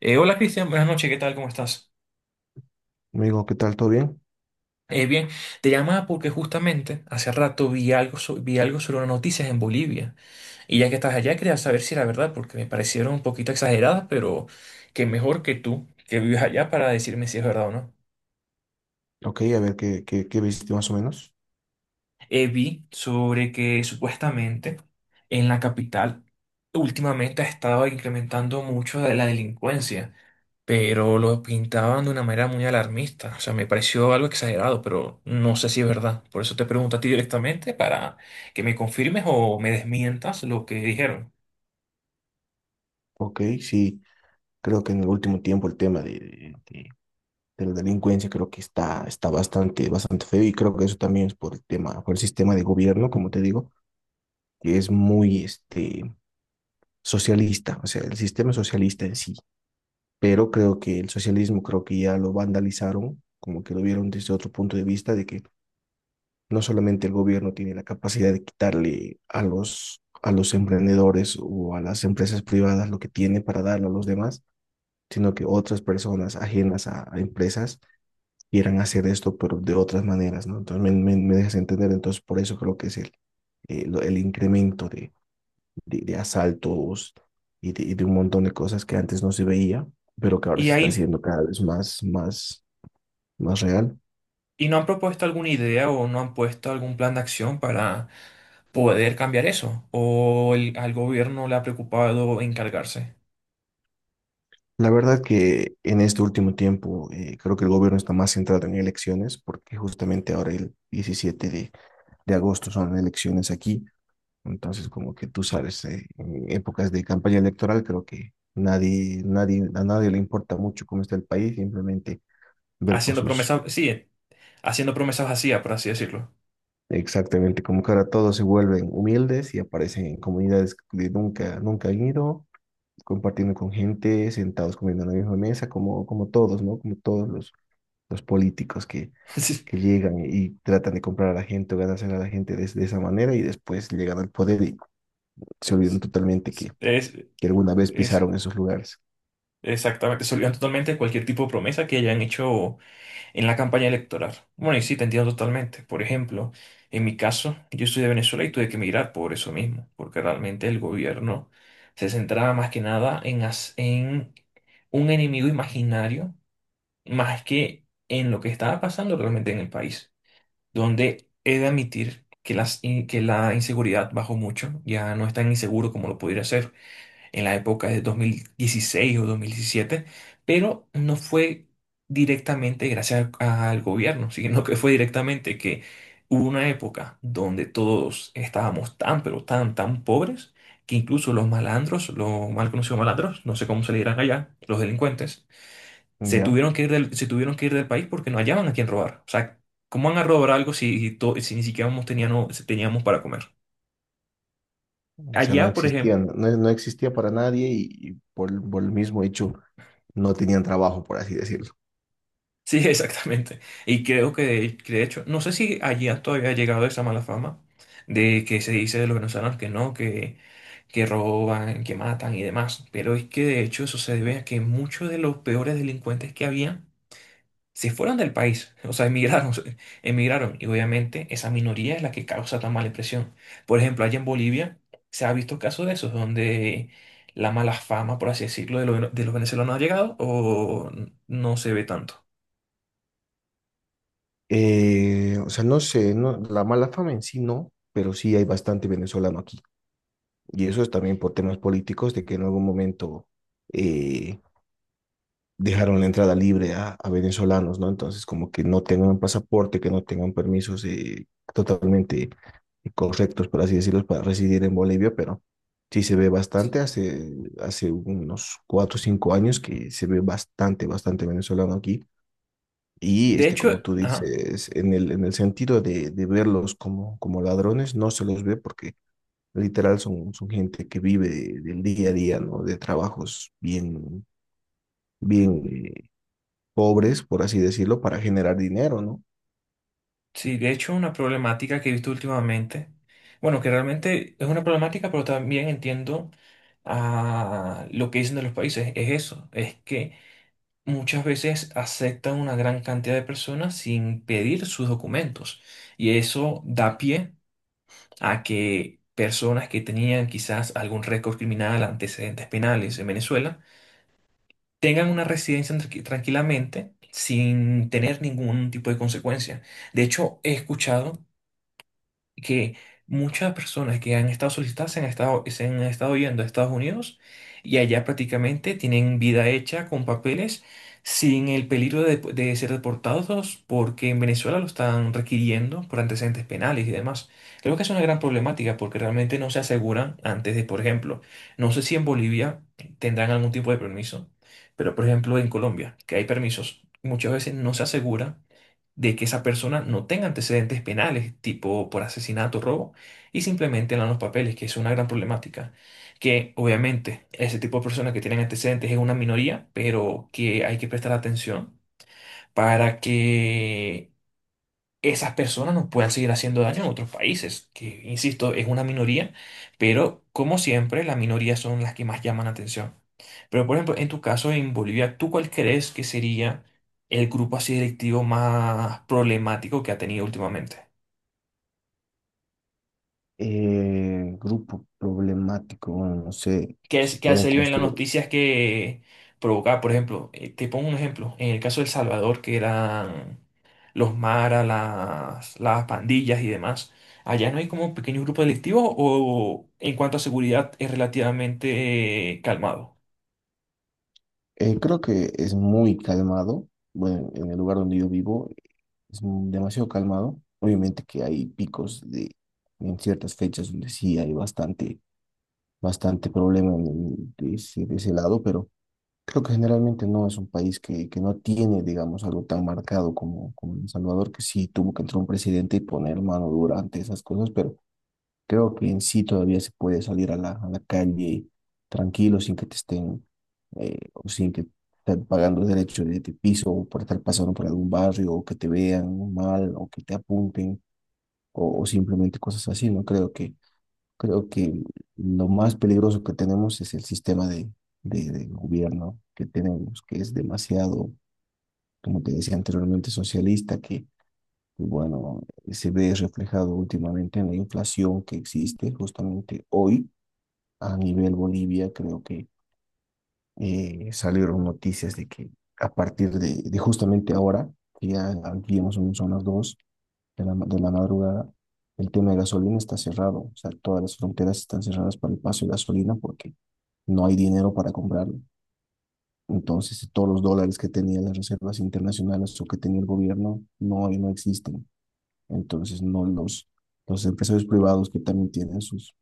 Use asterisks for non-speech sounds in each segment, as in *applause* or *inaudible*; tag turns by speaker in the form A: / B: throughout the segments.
A: Hola Cristian, buenas noches, ¿qué tal? ¿Cómo estás?
B: Amigo, ¿qué tal? ¿Todo bien?
A: Bien, te llamaba porque justamente hace rato vi algo, vi algo sobre unas noticias en Bolivia y ya que estás allá quería saber si era verdad porque me parecieron un poquito exageradas, pero que mejor que tú que vives allá para decirme si es verdad o no.
B: Ok, a ver qué viste más o menos.
A: Vi sobre que supuestamente en la capital últimamente ha estado incrementando mucho la delincuencia. Pero lo pintaban de una manera muy alarmista. O sea, me pareció algo exagerado, pero no sé si es verdad. Por eso te pregunto a ti directamente para que me confirmes o me desmientas lo que dijeron.
B: Ok, sí, creo que en el último tiempo el tema de la delincuencia creo que está bastante, bastante feo y creo que eso también es por el tema, por el sistema de gobierno, como te digo, que es muy socialista, o sea, el sistema socialista en sí, pero creo que el socialismo creo que ya lo vandalizaron, como que lo vieron desde otro punto de vista de que no solamente el gobierno tiene la capacidad de quitarle a a los emprendedores o a las empresas privadas lo que tiene para darlo a los demás, sino que otras personas ajenas a empresas quieran hacer esto, pero de otras maneras, ¿no? Entonces me dejas entender, entonces por eso creo que es el incremento de asaltos y de un montón de cosas que antes no se veía, pero que ahora
A: Y
B: se está
A: ahí,
B: haciendo cada vez más, más real.
A: ¿y no han propuesto alguna idea o no han puesto algún plan de acción para poder cambiar eso? ¿O al gobierno le ha preocupado encargarse?
B: La verdad que en este último tiempo creo que el gobierno está más centrado en elecciones, porque justamente ahora el 17 de agosto son elecciones aquí. Entonces, como que tú sabes, en épocas de campaña electoral, creo que nadie, nadie, a nadie le importa mucho cómo está el país, simplemente ver por
A: Haciendo
B: sus,
A: promesas, sí, haciendo promesas vacías, por así decirlo.
B: exactamente, como que ahora todos se vuelven humildes y aparecen en comunidades que nunca, nunca han ido, compartiendo con gente, sentados comiendo en la misma mesa, como, como todos, ¿no? Como todos los políticos que
A: *laughs*
B: llegan y tratan de comprar a la gente o ganarse a la gente de esa manera y después llegan al poder y se olvidan
A: Sí,
B: totalmente
A: sí, sí.
B: que alguna vez
A: Es,
B: pisaron esos lugares.
A: es exactamente, se olvidan totalmente de cualquier tipo de promesa que hayan hecho en la campaña electoral. Bueno, y sí, te entiendo totalmente. Por ejemplo, en mi caso, yo soy de Venezuela y tuve que emigrar por eso mismo, porque realmente el gobierno se centraba más que nada en, en un enemigo imaginario, más que en lo que estaba pasando realmente en el país, donde he de admitir que, que la inseguridad bajó mucho, ya no es tan inseguro como lo pudiera ser en la época de 2016 o 2017, pero no fue directamente gracias al gobierno, *laughs* sino que fue directamente que hubo una época donde todos estábamos tan, pero tan, tan pobres, que incluso los malandros, los mal conocidos malandros, no sé cómo se le dirán allá, los delincuentes, se
B: Ya,
A: tuvieron que ir se tuvieron que ir del país porque no hallaban a quién robar. O sea, ¿cómo van a robar algo si, si si ni siquiera teníamos para comer?
B: o sea, no
A: Allá, por ejemplo,
B: existían, no, no existía para nadie y por el mismo hecho no tenían trabajo, por así decirlo.
A: sí, *laughs* exactamente. Y creo que de hecho, no sé si allí todavía ha llegado esa mala fama de que se dice de los venezolanos que no, que roban, que matan y demás. Pero es que de hecho eso se debe a que muchos de los peores delincuentes que había se fueron del país, o sea, emigraron, *laughs* emigraron. Y obviamente esa minoría es la que causa tan mala impresión. Por ejemplo, allá en Bolivia se ha visto casos de esos donde la mala fama, por así decirlo, de, de los venezolanos ha llegado o no se ve tanto.
B: O sea, no sé, no, la mala fama en sí no, pero sí hay bastante venezolano aquí. Y eso es también por temas políticos de que en algún momento eh, dejaron la entrada libre a venezolanos, ¿no? Entonces, como que no tengan pasaporte, que no tengan permisos totalmente correctos, por así decirlo, para residir en Bolivia, pero sí se ve bastante, hace unos 4 o 5 años que se ve bastante, bastante venezolano aquí. Y
A: De
B: este, como
A: hecho,
B: tú
A: ajá,
B: dices, en en el sentido de verlos como, como ladrones, no se los ve porque literal son, son gente que vive del día a día, ¿no? De trabajos bien, bien eh, pobres, por así decirlo, para generar dinero, ¿no?
A: sí, de hecho una problemática que he visto últimamente, bueno, que realmente es una problemática, pero también entiendo a lo que dicen de los países, es eso, es que muchas veces aceptan una gran cantidad de personas sin pedir sus documentos y eso da pie a que personas que tenían quizás algún récord criminal, antecedentes penales en Venezuela, tengan una residencia tranquilamente sin tener ningún tipo de consecuencia. De hecho, he escuchado que muchas personas que han estado solicitadas se han estado yendo a Estados Unidos y allá prácticamente tienen vida hecha con papeles sin el peligro de ser deportados porque en Venezuela lo están requiriendo por antecedentes penales y demás. Creo que es una gran problemática porque realmente no se aseguran antes de, por ejemplo, no sé si en Bolivia tendrán algún tipo de permiso, pero por ejemplo en Colombia, que hay permisos, muchas veces no se aseguran de que esa persona no tenga antecedentes penales, tipo por asesinato, robo, y simplemente dan los papeles, que es una gran problemática. Que obviamente ese tipo de personas que tienen antecedentes es una minoría, pero que hay que prestar atención para que esas personas no puedan seguir haciendo daño en otros países, que insisto, es una minoría, pero como siempre, las minorías son las que más llaman la atención. Pero, por ejemplo, en tu caso en Bolivia, ¿tú cuál crees que sería el grupo así delictivo más problemático que ha tenido últimamente?
B: Grupo problemático, bueno, no sé
A: Que,
B: si
A: que ha
B: puedo
A: salido en las
B: considerar.
A: noticias que provocaba, por ejemplo, te pongo un ejemplo, en el caso de El Salvador, que eran los maras, las pandillas y demás, ¿allá no hay como pequeños grupos delictivos o en cuanto a seguridad es relativamente calmado?
B: Creo que es muy calmado. Bueno, en el lugar donde yo vivo es demasiado calmado. Obviamente que hay picos de, en ciertas fechas donde sí hay bastante, bastante problema de ese lado, pero creo que generalmente no es un país que no tiene, digamos, algo tan marcado como, como El Salvador, que sí tuvo que entrar un presidente y poner mano durante esas cosas, pero creo que en sí todavía se puede salir a a la calle tranquilo sin que te estén o sin que estén pagando derechos de piso o por estar pasando por algún barrio o que te vean mal o que te apunten o simplemente cosas así, ¿no? Creo que lo más peligroso que tenemos es el sistema de gobierno que tenemos, que es demasiado, como te decía anteriormente, socialista, que y bueno, se ve reflejado últimamente en la inflación que existe justamente hoy a nivel Bolivia, creo que salieron noticias de que a partir de justamente ahora, que ya digamos son las 2 de de la madrugada, el tema de gasolina está cerrado. O sea, todas las fronteras están cerradas para el paso de gasolina porque no hay dinero para comprarlo. Entonces, todos los dólares que tenían las reservas internacionales o que tenía el gobierno no, no existen. Entonces, no los, los empresarios privados que también tienen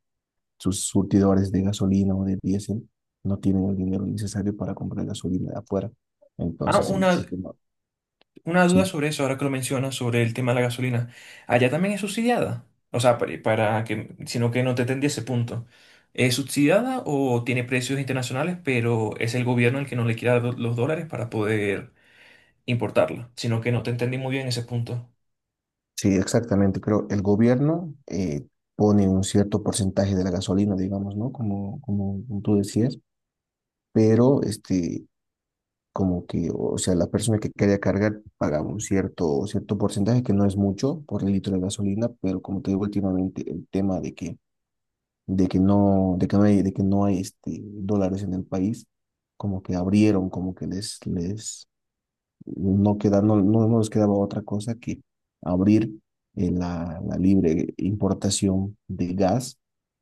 B: sus surtidores de gasolina o de diésel no tienen el dinero necesario para comprar gasolina de afuera.
A: Ah,
B: Entonces el
A: una,
B: sistema,
A: Una duda
B: sí,
A: sobre eso, ahora que lo mencionas, sobre el tema de la gasolina. ¿Allá también es subsidiada? O sea, para que, sino que no te entendí ese punto. ¿Es subsidiada o tiene precios internacionales, pero es el gobierno el que no le quiere dar los dólares para poder importarla? Sino que no te entendí muy bien ese punto.
B: sí, exactamente. Creo el gobierno pone un cierto porcentaje de la gasolina, digamos, ¿no? Como, como tú decías, pero como que, o sea, la persona que quería cargar paga un cierto, cierto porcentaje, que no es mucho por el litro de gasolina, pero como te digo últimamente, el tema de que no hay, de que no hay dólares en el país, como que abrieron, como que les no queda, no les quedaba otra cosa que abrir la libre importación de gas,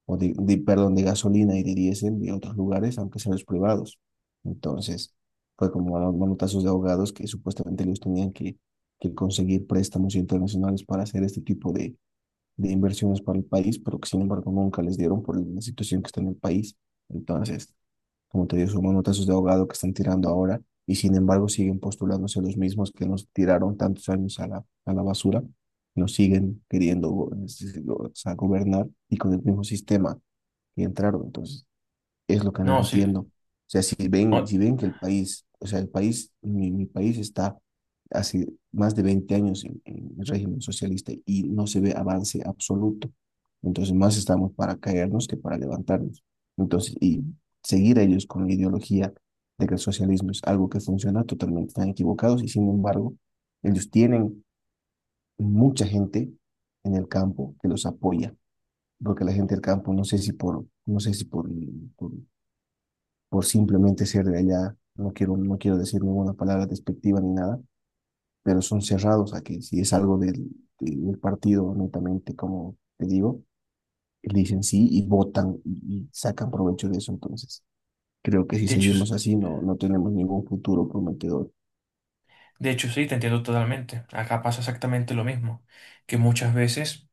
B: o perdón, de gasolina y de diésel de otros lugares, aunque sean los privados. Entonces, fue como a los manotazos de abogados que supuestamente ellos tenían que conseguir préstamos internacionales para hacer este tipo de inversiones para el país, pero que sin embargo nunca les dieron por la situación que está en el país. Entonces, como te digo, son manotazos de ahogado que están tirando ahora y sin embargo siguen postulándose los mismos que nos tiraron tantos años a a la basura, nos siguen queriendo es decir, o sea, gobernar y con el mismo sistema que entraron. Entonces, es lo que
A: No,
B: no
A: sí.
B: entiendo. O sea,
A: No,
B: si ven que el país, o sea, el país, mi país está hace más de 20 años en el régimen socialista y no se ve avance absoluto. Entonces, más estamos para caernos que para levantarnos. Entonces, y seguir a ellos con la ideología de que el socialismo es algo que funciona, totalmente están equivocados y sin embargo, ellos tienen mucha gente en el campo que los apoya, porque la gente del campo, no sé si por por simplemente ser de allá. No quiero, no quiero decir ninguna palabra despectiva ni nada, pero son cerrados a que si es algo del partido, netamente, como te digo, dicen sí y votan y sacan provecho de eso. Entonces, creo que si
A: de hecho,
B: seguimos así, no, no tenemos ningún futuro prometedor.
A: de hecho, sí, te entiendo totalmente. Acá pasa exactamente lo mismo, que muchas veces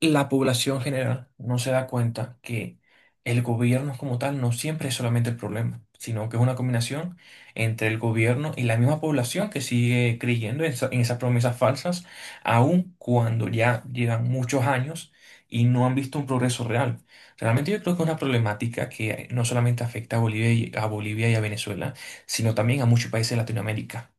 A: la población general no se da cuenta que el gobierno como tal no siempre es solamente el problema, sino que es una combinación entre el gobierno y la misma población que sigue creyendo en, en esas promesas falsas, aun cuando ya llevan muchos años y no han visto un progreso real. Realmente yo creo que es una problemática que no solamente afecta a Bolivia y a Bolivia y a Venezuela, sino también a muchos países de Latinoamérica.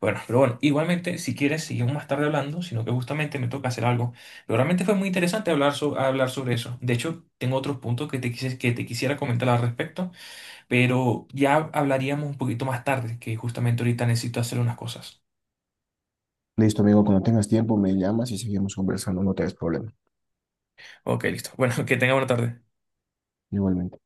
A: Bueno, pero bueno, igualmente, si quieres, seguimos más tarde hablando, sino que justamente me toca hacer algo. Pero realmente fue muy interesante hablar, hablar sobre eso. De hecho, tengo otros puntos que que te quisiera comentar al respecto, pero ya hablaríamos un poquito más tarde, que justamente ahorita necesito hacer unas cosas.
B: Listo, amigo, cuando tengas tiempo me llamas y seguimos conversando, no te des problema.
A: Ok, listo. Bueno, *laughs* que tenga buena tarde.
B: Igualmente.